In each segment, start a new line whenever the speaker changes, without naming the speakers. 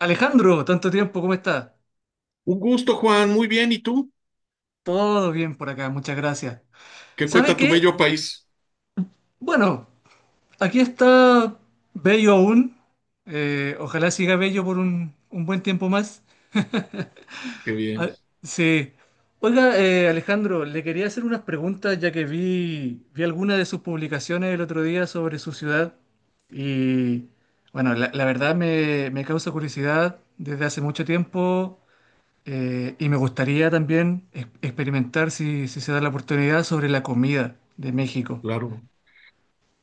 Alejandro, tanto tiempo, ¿cómo estás?
Un gusto, Juan. Muy bien. ¿Y tú?
Todo bien por acá, muchas gracias.
¿Qué
¿Sabes
cuenta tu
qué?
bello país?
Bueno, aquí está bello aún. Ojalá siga bello por un buen tiempo más.
Qué bien,
Sí. Oiga, Alejandro, le quería hacer unas preguntas ya que vi algunas de sus publicaciones el otro día sobre su ciudad y, bueno, la verdad me causa curiosidad desde hace mucho tiempo. Y me gustaría también experimentar, si se da la oportunidad, sobre la comida de México.
claro.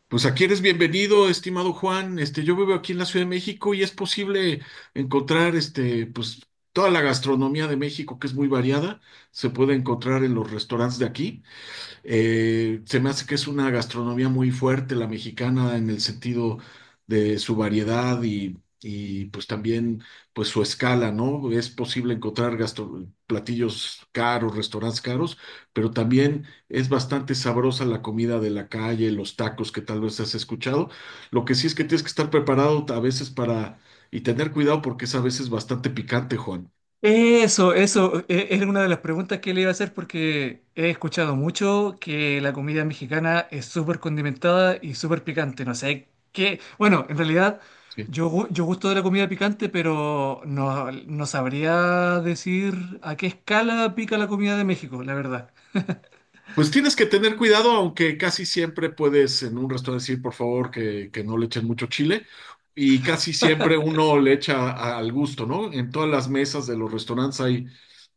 Pues aquí eres bienvenido, estimado Juan. Yo vivo aquí en la Ciudad de México y es posible encontrar, pues toda la gastronomía de México, que es muy variada, se puede encontrar en los restaurantes de aquí. Se me hace que es una gastronomía muy fuerte la mexicana en el sentido de su variedad y pues también pues su escala, ¿no? Es posible encontrar platillos caros, restaurantes caros, pero también es bastante sabrosa la comida de la calle, los tacos que tal vez has escuchado. Lo que sí es que tienes que estar preparado a veces para y tener cuidado porque es a veces bastante picante, Juan.
Era una de las preguntas que le iba a hacer porque he escuchado mucho que la comida mexicana es súper condimentada y súper picante. No sé qué. Bueno, en realidad
Sí.
yo gusto de la comida picante, pero no, no sabría decir a qué escala pica la comida de México, la verdad.
Pues tienes que tener cuidado, aunque casi siempre puedes en un restaurante decir, por favor, que no le echen mucho chile. Y casi siempre uno le echa al gusto, ¿no? En todas las mesas de los restaurantes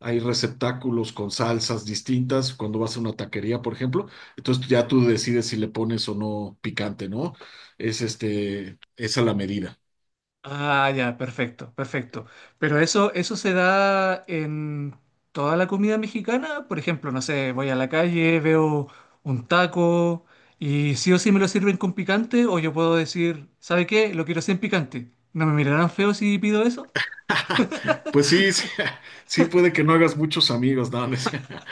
hay receptáculos con salsas distintas cuando vas a una taquería, por ejemplo. Entonces ya tú decides si le pones o no picante, ¿no? Es esa la medida.
Ah, ya, perfecto, perfecto. Pero eso se da en toda la comida mexicana. Por ejemplo, no sé, voy a la calle, veo un taco y sí o sí me lo sirven con picante o yo puedo decir, ¿sabe qué? Lo quiero sin picante. ¿No me mirarán feo si pido eso?
Pues sí, sí, sí puede que no hagas muchos amigos, ¿no?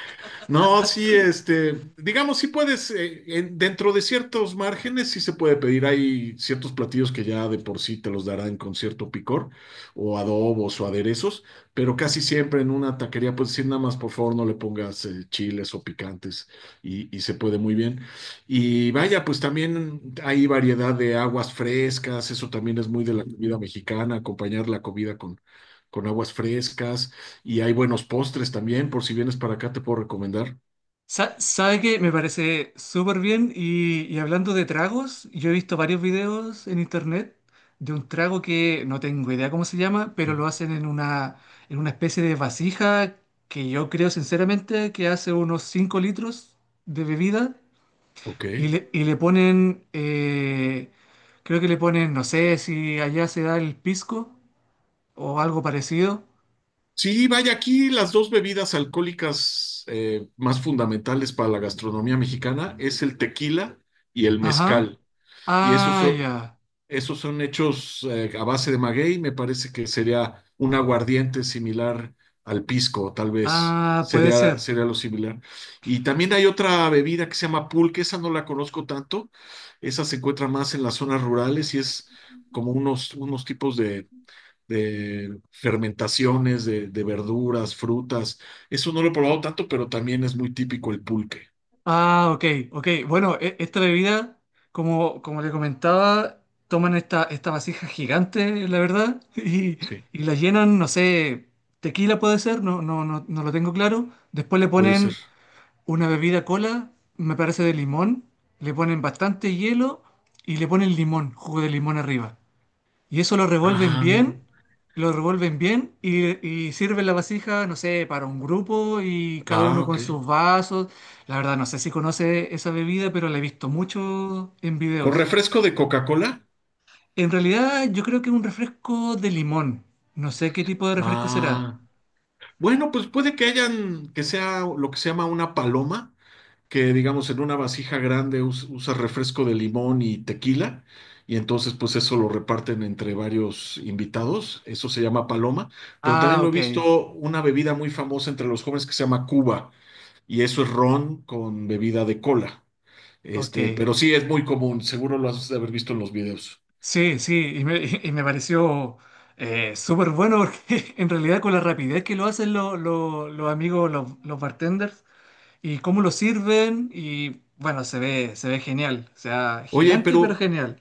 No, sí, digamos, sí puedes, dentro de ciertos márgenes, sí se puede pedir. Hay ciertos platillos que ya de por sí te los darán con cierto picor, o adobos o aderezos, pero casi siempre en una taquería puedes decir nada más, por favor, no le pongas chiles o picantes, y se puede muy bien. Y vaya, pues también hay variedad de aguas frescas, eso también es muy de la comida mexicana, acompañar la comida con aguas frescas. Y hay buenos postres también, por si vienes para acá, te puedo recomendar.
¿Sabe que me parece súper bien? Y hablando de tragos, yo he visto varios videos en internet de un trago que no tengo idea cómo se llama, pero
Ya.
lo hacen en en una especie de vasija que yo creo sinceramente que hace unos 5 litros de bebida y
Ok.
y le ponen, creo que le ponen, no sé si allá se da el pisco o algo parecido.
Sí, vaya, aquí las dos bebidas alcohólicas más fundamentales para la gastronomía mexicana es el tequila y el
Ajá.
mezcal. Y esos
Ah,
son-
ya.
Esos son hechos a base de maguey, me parece que sería un aguardiente similar al pisco, tal vez
Ah, puede ser.
sería lo similar. Y también hay otra bebida que se llama pulque, esa no la conozco tanto, esa se encuentra más en las zonas rurales y es como unos tipos de fermentaciones de verduras, frutas. Eso no lo he probado tanto, pero también es muy típico el pulque.
Ah, ok, ok. Bueno, esta bebida, como le comentaba, toman esta vasija gigante, la verdad,
Sí,
y la llenan, no sé, tequila puede ser, no, no, no, no lo tengo claro. Después le
puede ser.
ponen una bebida cola, me parece de limón, le ponen bastante hielo y le ponen limón, jugo de limón arriba. Y eso
Ah,
lo revuelven bien y sirven la vasija, no sé, para un grupo y cada
ah,
uno con
ok.
sus vasos. La verdad, no sé si conoce esa bebida, pero la he visto mucho en
¿Con
videos.
refresco de Coca-Cola?
En realidad, yo creo que es un refresco de limón. No sé qué tipo de refresco será.
Ah, bueno, pues puede que hayan, que sea lo que se llama una paloma, que digamos en una vasija grande usa refresco de limón y tequila, y entonces pues eso lo reparten entre varios invitados, eso se llama paloma, pero también
Ah,
lo he
ok,
visto una bebida muy famosa entre los jóvenes que se llama Cuba, y eso es ron con bebida de cola.
ok.
Pero sí es muy común, seguro lo has de haber visto en los videos.
Sí, sí, y me, y me pareció súper bueno porque en realidad con la rapidez que lo hacen los amigos, los bartenders, y cómo lo sirven y bueno, se ve genial, o sea,
Oye,
gigante pero
pero
genial.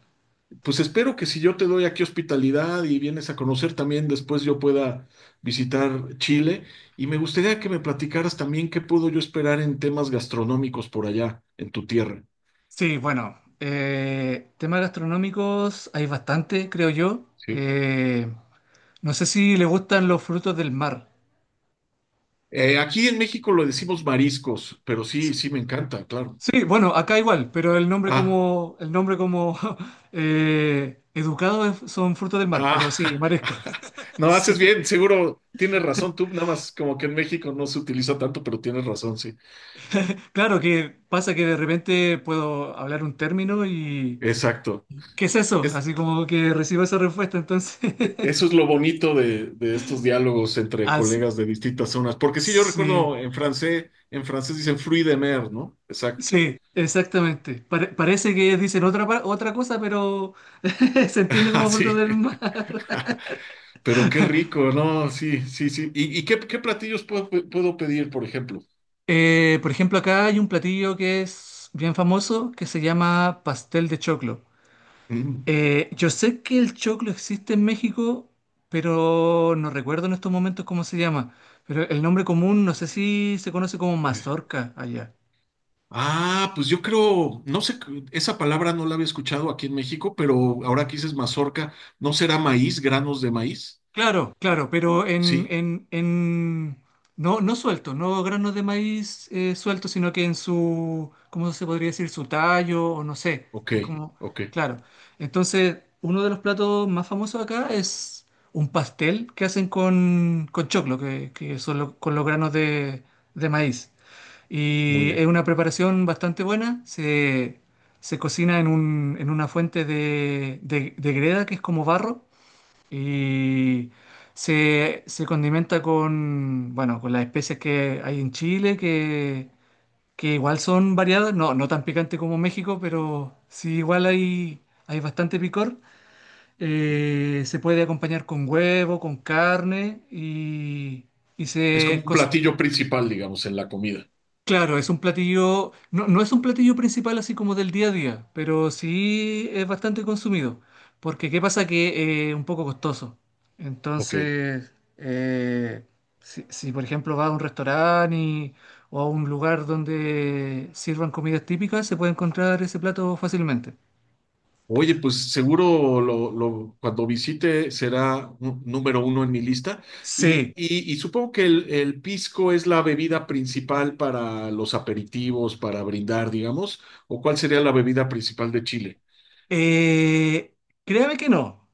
Pues espero que si yo te doy aquí hospitalidad y vienes a conocer también, después yo pueda visitar Chile. Y me gustaría que me platicaras también qué puedo yo esperar en temas gastronómicos por allá, en tu tierra.
Sí, bueno, temas gastronómicos hay bastante, creo yo.
Sí.
No sé si le gustan los frutos del mar.
Aquí en México lo decimos mariscos, pero sí,
S-
sí me encanta, claro.
Sí, bueno, acá igual, pero
Ah,
el nombre como educado son frutos del mar, pero sí,
ah,
marisco.
no, haces
Sí.
bien, seguro tienes razón tú, nada más como que en México no se utiliza tanto, pero tienes razón, sí.
Claro que pasa que de repente puedo hablar un término y
Exacto.
¿qué es eso?
Es,
Así como que recibo esa respuesta, entonces.
eso es lo bonito de estos diálogos entre
Así,
colegas de distintas zonas, porque sí, yo
sí,
recuerdo en francés dicen fruit de mer, ¿no?
sí,
Exacto.
sí, exactamente. Parece que ellos dicen otra, otra cosa, pero se entiende como fruta
Así.
del mar.
Pero qué rico, ¿no? Sí, sí, sí. ¿Y qué platillos puedo pedir, por ejemplo?
Por ejemplo, acá hay un platillo que es bien famoso que se llama pastel de choclo.
Mm.
Yo sé que el choclo existe en México, pero no recuerdo en estos momentos cómo se llama. Pero el nombre común, no sé si se conoce como mazorca allá.
Ah, pues yo creo, no sé, esa palabra no la había escuchado aquí en México, pero ahora que dices mazorca, ¿no será maíz, granos de maíz?
Claro, claro, pero
Sí,
no, no suelto, no granos de maíz suelto, sino que en su, ¿cómo se podría decir? Su tallo, o no sé.
ok,
Es como,
ok,
claro. Entonces, uno de los platos más famosos acá es un pastel que hacen con choclo, que con los granos de maíz.
muy
Y es
bien.
una preparación bastante buena. Se cocina en un, en una fuente de, de greda, que es como barro y se condimenta con, bueno, con las especias que hay en Chile, que igual son variadas, no, no tan picante como México, pero sí igual hay, hay bastante picor. Se puede acompañar con huevo, con carne y, y
Es como
se,
un
cos-
platillo principal, digamos, en la comida.
Claro, es un platillo, no, no es un platillo principal así como del día a día, pero sí es bastante consumido, porque qué pasa que es un poco costoso.
Ok.
Entonces, si, si, por ejemplo vas a un restaurante o a un lugar donde sirvan comidas típicas, se puede encontrar ese plato fácilmente.
Oye, pues seguro cuando visite será número uno en mi lista. Y,
Sí,
y- y supongo que el pisco es la bebida principal para los aperitivos, para brindar, digamos. ¿O cuál sería la bebida principal de Chile?
eh, créame que no.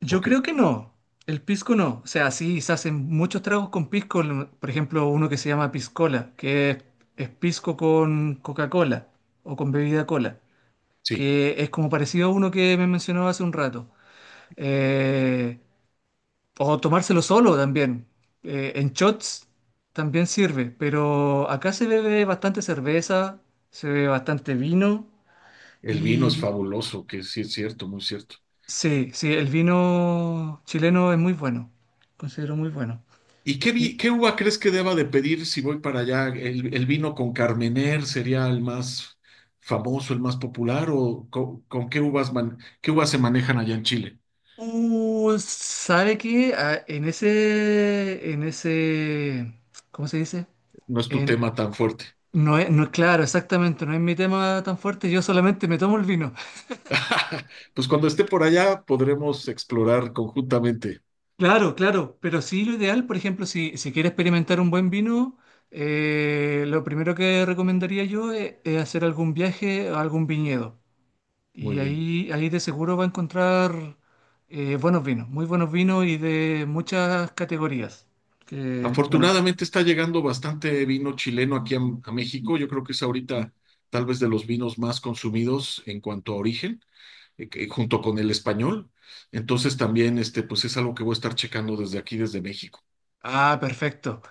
Yo
Ok,
creo que no. El pisco no. O sea, sí, se hacen muchos tragos con pisco. Por ejemplo, uno que se llama piscola, es pisco con Coca-Cola o con bebida cola,
sí.
que es como parecido a uno que me mencionaba hace un rato. Eh, o tomárselo solo también. En shots también sirve, pero acá se bebe bastante cerveza, se bebe bastante vino
El vino es
y
fabuloso, que sí es cierto, muy cierto.
sí, sí, el vino chileno es muy bueno. Considero muy bueno.
¿Y qué,
Y,
qué uva crees que deba de pedir si voy para allá? El vino con Carmener sería el más famoso, el más popular? ¿O qué uvas qué uvas se manejan allá en Chile?
¿sabe qué? Ah, en ese, ¿cómo se dice?
No es tu
En,
tema tan fuerte.
no es, no, claro, exactamente, no es mi tema tan fuerte, yo solamente me tomo el vino.
Pues cuando esté por allá podremos explorar conjuntamente.
Claro, claro, pero sí lo ideal, por ejemplo, si quiere experimentar un buen vino, lo primero que recomendaría yo es hacer algún viaje a algún viñedo.
Muy
Y
bien.
ahí de seguro va a encontrar buenos vinos, muy buenos vinos y de muchas categorías. Que, bueno,
Afortunadamente está llegando bastante vino chileno aquí a México. Yo creo que es ahorita tal vez de los vinos más consumidos en cuanto a origen. Junto con el español. Entonces también, pues es algo que voy a estar checando desde aquí, desde México.
ah, perfecto.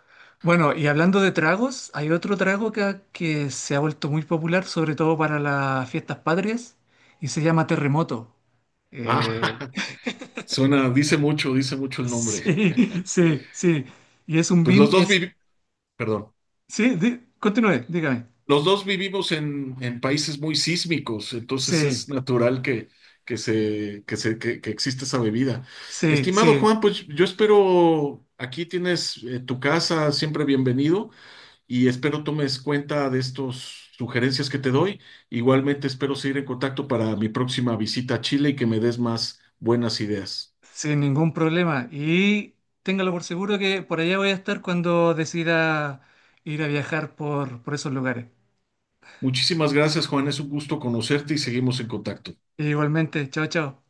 Bueno, y hablando de tragos, hay otro trago que se ha vuelto muy popular, sobre todo para las fiestas patrias, y se llama terremoto. Eh,
Ah, suena, dice mucho el nombre.
sí, sí, sí. Y es
Pues
es,
perdón,
sí, continúe, dígame.
los dos vivimos en países muy sísmicos, entonces
Sí,
es natural que, que exista esa bebida.
sí,
Estimado
sí,
Juan, pues yo espero, aquí tienes tu casa, siempre bienvenido. Y espero tomes cuenta de estas sugerencias que te doy. Igualmente espero seguir en contacto para mi próxima visita a Chile y que me des más buenas ideas.
sin ningún problema. Y téngalo por seguro que por allá voy a estar cuando decida ir a viajar por esos lugares.
Muchísimas gracias, Juan. Es un gusto conocerte y seguimos en contacto.
Igualmente, chao, chao.